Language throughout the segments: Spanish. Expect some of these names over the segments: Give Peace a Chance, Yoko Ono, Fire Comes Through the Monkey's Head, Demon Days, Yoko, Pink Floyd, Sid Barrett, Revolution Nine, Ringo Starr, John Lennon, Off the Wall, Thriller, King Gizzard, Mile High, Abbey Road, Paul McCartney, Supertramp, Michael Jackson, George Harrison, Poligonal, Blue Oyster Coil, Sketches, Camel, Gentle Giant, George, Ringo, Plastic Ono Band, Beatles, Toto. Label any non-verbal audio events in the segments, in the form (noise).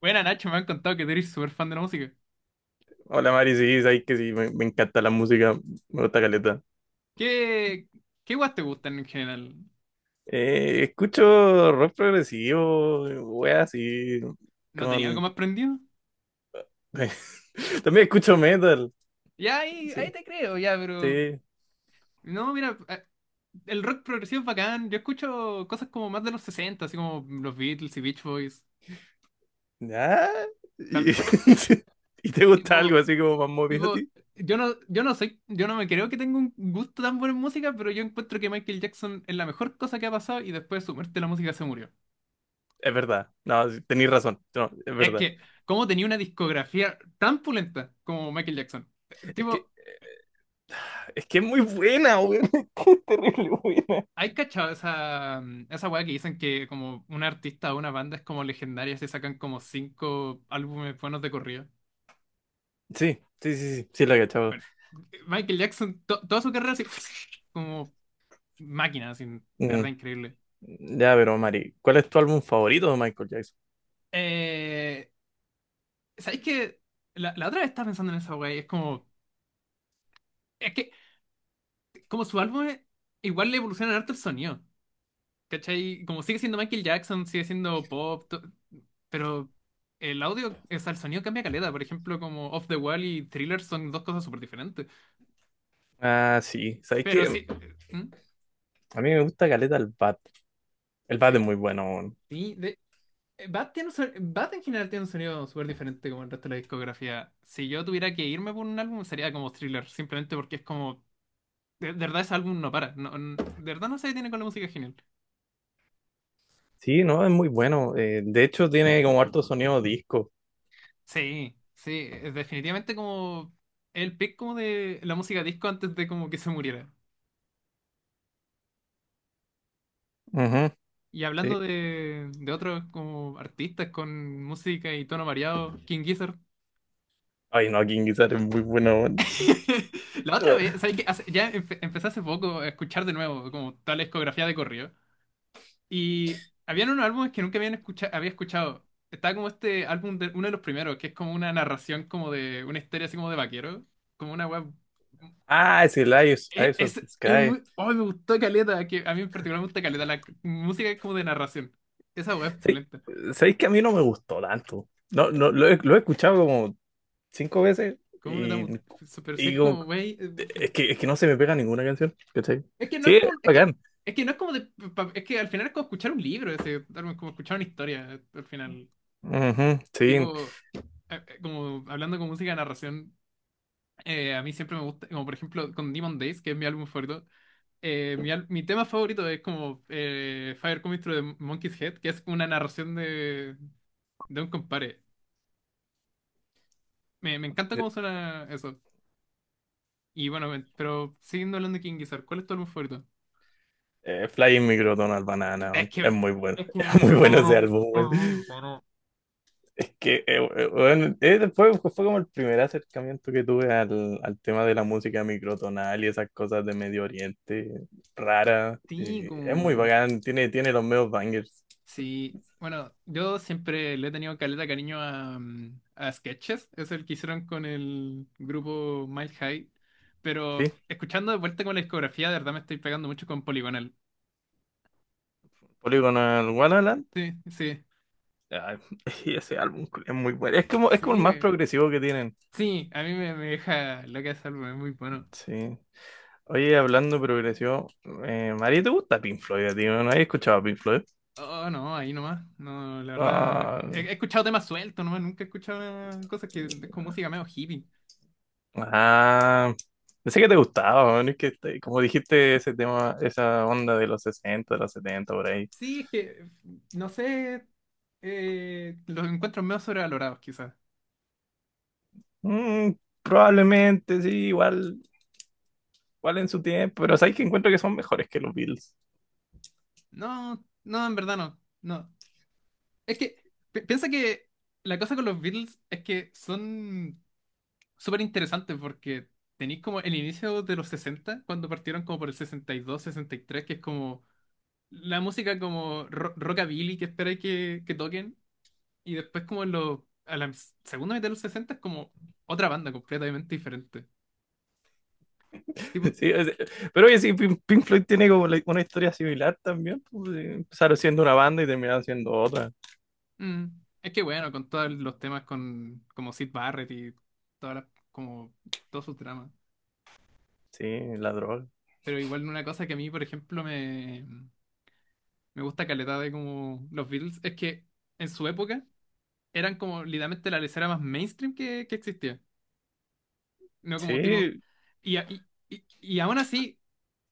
Buena Nacho, me han contado que tú eres súper fan de la música. Hola Mari, sí, sabes que sí, me encanta la música, me gusta caleta. ¿Qué, qué guas te gustan en general? Escucho rock progresivo, wea, así, ¿No tenía algo con... más prendido? (laughs) También escucho metal, Ya ahí sí, te creo, ya, pero. sí. No, mira, el rock progresivo es bacán. Yo escucho cosas como más de los 60 así como los Beatles y Beach Boys. Ah, ¿Y, Tam- (laughs) sí. ¿Y te gusta tipo, algo así como más movido a tipo, ti? yo no, yo no soy, yo no me creo que tengo un gusto tan bueno en música, pero yo encuentro que Michael Jackson es la mejor cosa que ha pasado y después de su muerte la música se murió. Es verdad, no, sí, tenés razón, no, es Es verdad. que, ¿cómo tenía una discografía tan pulenta como Michael Jackson? Es que Tipo, es que es muy buena, weón, (laughs) es que es terrible buena. ¿hay cachado esa weá que dicen que como un artista o una banda es como legendaria si sacan como cinco álbumes buenos de corrido? Sí, sí, sí, sí, sí la he cachado. Bueno, Michael Jackson, toda su carrera así, (laughs) como máquina, así, de Mm, verdad increíble. ya, pero Mari, ¿cuál es tu álbum favorito de Michael Jackson? Eh, ¿Sabéis que la otra vez estaba pensando en esa weá y es como, es que como su álbum igual le evoluciona harto el sonido? ¿Cachai? Como sigue siendo Michael Jackson, sigue siendo pop, pero el audio, o sea, el sonido cambia caleta. Por ejemplo, como Off the Wall y Thriller son dos cosas súper diferentes. Ah, sí. ¿Sabes Pero qué? sí, ¿hmm? A mí me gusta caleta el bat. El bat es Eh, muy bueno, weón. sí, de, Bad tiene un son- Bad en general tiene un sonido súper diferente como el resto de la discografía. Si yo tuviera que irme por un álbum, sería como Thriller, simplemente porque es como, de verdad ese álbum no para. No, de verdad no se detiene con la música genial. Sí, no, es muy bueno. De hecho, tiene como harto sonido disco. Sí, sí, es definitivamente como el pick como de la música disco antes de como que se muriera. Ujú, Y hablando sí. de otros como artistas con música y tono variado, King Gizzard. Ay, no, King Guitar es muy bueno, weón. (laughs) La otra vez, ¿sabes qué? Empecé hace poco a escuchar de nuevo como toda la discografía de corrido. Y habían unos álbumes que nunca había escuchado. Estaba como este álbum, uno de los primeros, que es como una narración como de una historia así como de vaquero. Como una web... Ah, es el Eyes, Es, Eyes of es, the es Sky. muy... ¡Oh, me gustó Caleta! Que a mí en particular me gusta Caleta, la música es como de narración. Esa web es Sí, pulenta. ¿sabéis que a mí no me gustó tanto? No, no, lo he escuchado como cinco veces ¿Cómo no te va a y, gustar? Pero si y es como, como, güey. Es que no se me pega ninguna canción, ¿cachai? Es que no es Sí, es como. Es que, bacán. es que no es como de. Es que al final es como escuchar un libro, ese, algo es como escuchar una historia, al final. Ujú, sí. Tipo, como hablando con música de narración, a mí siempre me gusta, como por ejemplo con Demon Days, que es mi álbum favorito, mi tema favorito es como Fire Comes Through the Monkey's Head, que es una narración de un compadre. Me encanta cómo suena eso. Y bueno, pero siguiendo hablando de King Gizzard, ¿cuál es tu álbum favorito? Flying Micro Donald Banana, Es weón, que, es muy bueno, es que (laughs) es es muy muy bueno ese raro, álbum, es weón. muy raro. Es que, weón, después fue como el primer acercamiento que tuve al tema de la música microtonal y esas cosas de Medio Oriente, rara, Sí, y es muy como, bacán, tiene los medios bangers. sí. Bueno, yo siempre le he tenido caleta de cariño a Sketches, es el que hicieron con el grupo Mile High, pero ¿Sí? escuchando de vuelta con la discografía, de verdad me estoy pegando mucho con Poligonal. Polygonal Wonderland, Sí, sí, ah, (laughs) y ese álbum es muy bueno, es como el sí, más progresivo que tienen, sí, a mí me deja loca ese álbum, es muy bueno. sí. Oye, hablando de progresivo, María, ¿te gusta Pink Floyd a ti? ¿No has escuchado a Pink Floyd? Oh, no, ahí nomás, no, la verdad, Ah, he escuchado temas sueltos nomás, nunca he escuchado cosas que es como música medio hippie. ah, pensé que te gustaba, weón. Es que, te- como dijiste, ese tema, esa onda de los 60 de los 70 por ahí. Sí, es que, no sé, los encuentros medio sobrevalorados, quizás. Mm, probablemente, sí, igual, igual en su tiempo, pero sabes que encuentro que son mejores que los Bills. No, no, en verdad no, no. Es que, piensa que la cosa con los Beatles es que son súper interesantes porque tenéis como el inicio de los 60 cuando partieron como por el 60 62, 63, que es como la música como rockabilly que esperáis que toquen, y después como a la segunda mitad de los 60 es como otra banda completamente diferente. (laughs) Tipo. Sí, o pero oye, sí, Pink Floyd tiene como la- una historia similar también, pues, empezaron siendo una banda y terminaron siendo otra. Mm. Es que bueno, con todos los temas con como Sid Barrett y todas como todos sus dramas. Sí, la droga. Pero igual una cosa que a mí, por ejemplo, me gusta caleta de como los Beatles es que en su época eran como literalmente la lesera más mainstream que existía. No como tipo. Sí, Y aún así,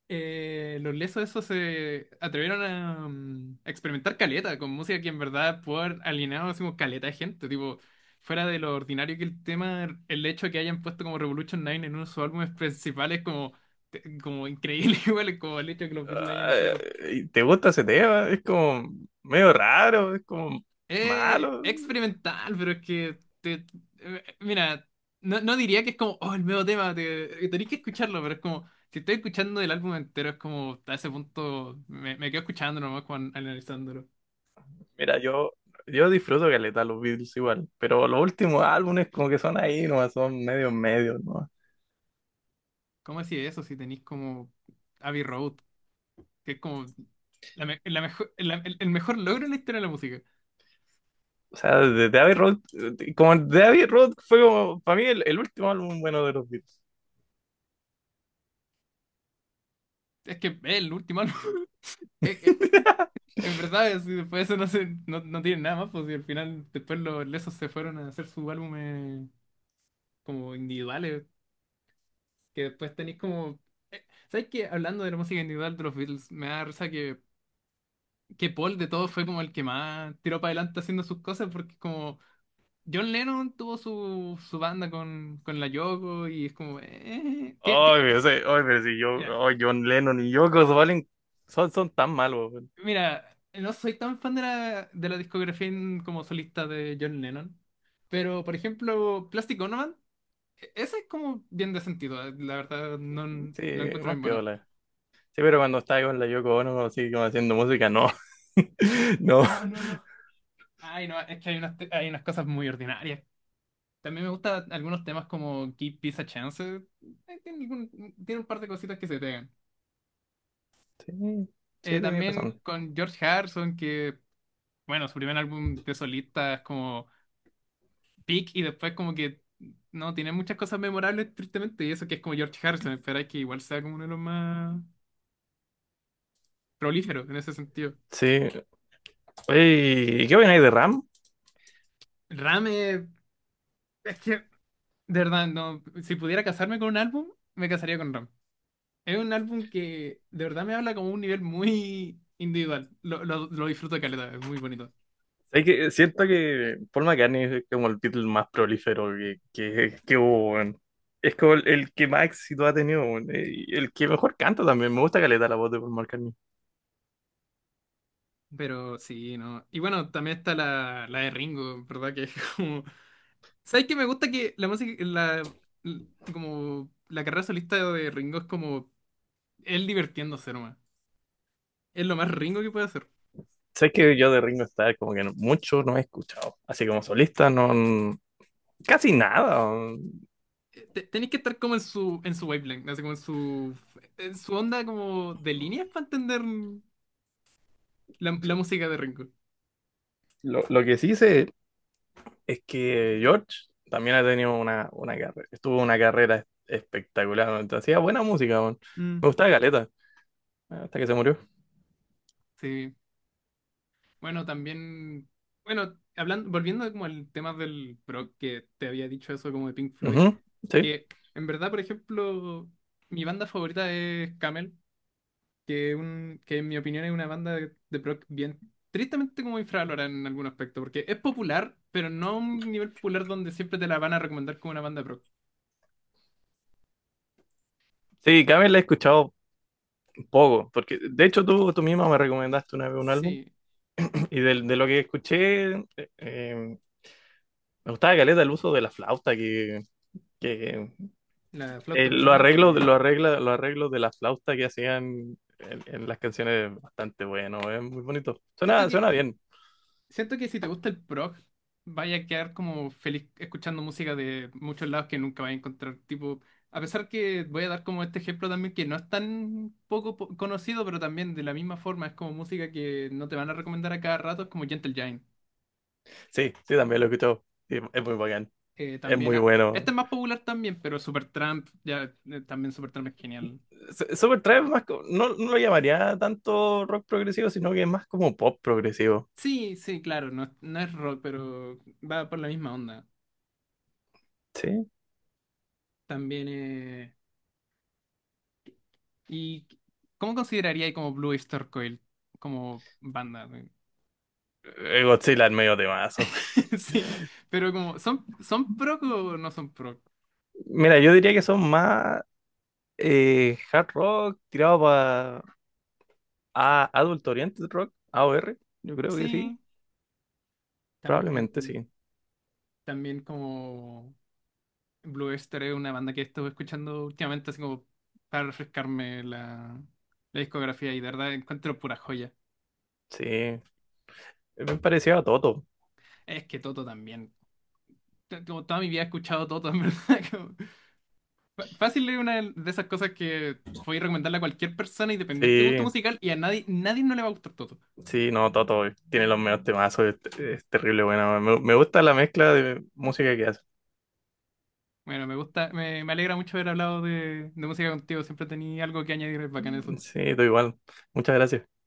Los lesos esos se atrevieron a experimentar caleta con música que en verdad pudo haber alienado así como caleta de gente, tipo, fuera de lo ordinario que el tema, el hecho de que hayan puesto como Revolution Nine en uno de sus álbumes principales como, como increíble (laughs) igual, como el hecho de que los Beatles hayan ah, hecho eso. ¿y te gusta ese tema? Es como medio raro, es como Es malo. experimental, pero es que mira, no diría que es como, oh, el nuevo tema, tenés que escucharlo, pero es como, si estoy escuchando el álbum entero, es como, a ese punto me quedo escuchando nomás con, analizándolo. Mira, yo disfruto caleta los Beatles igual, pero los últimos álbumes como que son ahí nomás, son medio, ¿no? ¿Cómo así eso si tenéis como Abbey Road, que es como la mejor, el mejor logro en la historia de la música? O sea, de Abbey Road, como de Abbey Road fue como, para mí, el último álbum bueno de los Beatles. Es que es el último álbum. (laughs) Es- es- En verdad, después de eso no, no tienen nada más, pues y al final después los lesos se fueron a hacer su álbum como individuales. Que después tenéis como. ¿Sabes qué? Hablando de la música individual de los Beatles, me da risa que Paul de todos fue como el que más tiró para adelante haciendo sus cosas, porque como John Lennon tuvo su banda con la Yoko y es como. Ay, pero sí, ay, pero si Mira, yo, ay, John Lennon y Yoko Valen son, son tan malos, weón. mira, no soy tan fan de la discografía como solista de John Lennon, pero por ejemplo, Plastic Ono Band, esa es como bien de sentido, la verdad, no Sí, lo encuentro más bien bueno. piola. Sí, pero cuando estaba con la Yoko Ono, así como haciendo música, no. (laughs) No. No, no, no. Ay, no, es que hay unas cosas muy ordinarias. También me gustan algunos temas como Give Peace a Chance. Tiene un par de cositas que se pegan. Sí, sí, tenías También razón. con George Harrison, que, bueno, su primer álbum de solista es como Peak y después como que no tiene muchas cosas memorables, tristemente, y eso que es como George Harrison, espera que igual sea como uno de los más prolíferos en ese sentido. Sí. Oye, ¿y qué opináis de Ram? Ram, es que, de verdad, no, si pudiera casarme con un álbum, me casaría con Ram. Es un álbum que de verdad me habla como un nivel muy individual. Lo disfruto caleta, es muy bonito. ¿Sabes qué? Siento que Paul McCartney es como el Beatle más prolífero que hubo, weón. Es como el que más éxito ha tenido, weón, y el que mejor canta también. Me gusta caleta la voz de Paul McCartney. Pero sí, no. Y bueno, también está la de Ringo, ¿verdad? Que es como. ¿Sabes qué? Me gusta que la música, l- como la carrera solista de Ringo es como él divirtiéndose nomás. Es lo más Ringo que puede hacer. ¿Sabes que yo de Ringo Starr como que no- mucho no he escuchado? Así como solista, no, n- casi nada, weón. Tenéis que estar como en su wavelength, así como en su onda como de líneas para entender la No, música de Ringo. lo lo que sí sé es que George también ha tenido una carrera. Estuvo una carrera espectacular, weón. Hacía buena música, weón. Me Mm. gustaba caleta, hasta que se murió. Sí, bueno, también, bueno, hablando, volviendo como al tema del pro que te había dicho eso como de Pink Floyd, Ujú, sí. que en verdad, por ejemplo, mi banda favorita es Camel, que en mi opinión es una banda de prog bien, tristemente como infravalorada en algún aspecto, porque es popular, pero no a un nivel popular donde siempre te la van a recomendar como una banda pro. Sí, Camel la he escuchado poco, porque de hecho tú misma me recomendaste una vez un álbum Sí, (clears throat) y del- de, lo que escuché eh, me gustaba caleta el uso de la flauta que, que la flauta peruana, sí. lo arregla, los arreglos de la flauta que hacían en las canciones bastante bueno, es muy bonito. Siento Suena que bien. Siento que si te gusta el prog, vaya a quedar como feliz escuchando música de muchos lados que nunca vas a encontrar. Tipo, a pesar que voy a dar como este ejemplo también que no es tan poco conocido, pero también de la misma forma es como música que no te van a recomendar a cada rato, es como Gentle Giant. Sí, sí, también lo he escuchado. Sí, es muy bacán. Es También, muy este bueno. es más popular también, pero Supertramp, ya, también Supertramp es genial. S- Supertramp es más, co- no, no lo llamaría tanto rock progresivo, sino que es más como pop progresivo. Sí, sí, claro, no, no es rock, pero va por la misma onda. Sí. También, ¿y cómo consideraría como Blue Oyster Coil como banda? ¿No? Godzilla es medio temazo. (laughs) Sí, pero como son prog o no son prog? (laughs) Mira, yo diría que son más hard rock tirado para a Adult Oriented Rock, AOR. Yo creo que sí. Sí, también Probablemente sí. también como Blue Oyster es una banda que he estado escuchando últimamente así como para refrescarme la discografía y de verdad encuentro pura joya. Sí. Es bien parecido a Toto. Es que Toto también. Como toda mi vida he escuchado Toto, en verdad. (laughs) Fácil es una de esas cosas que puedes recomendarle a cualquier persona independiente de gusto Sí, musical y a nadie nadie no le va a gustar Toto. sí, no, Toto tiene los mejores temazos. Es terrible, bueno. Me gusta la mezcla de música que hace. Bueno, me gusta, me alegra mucho haber hablado de música contigo. Siempre tenía algo que añadir, es bacán eso. Sí, todo igual. Muchas gracias.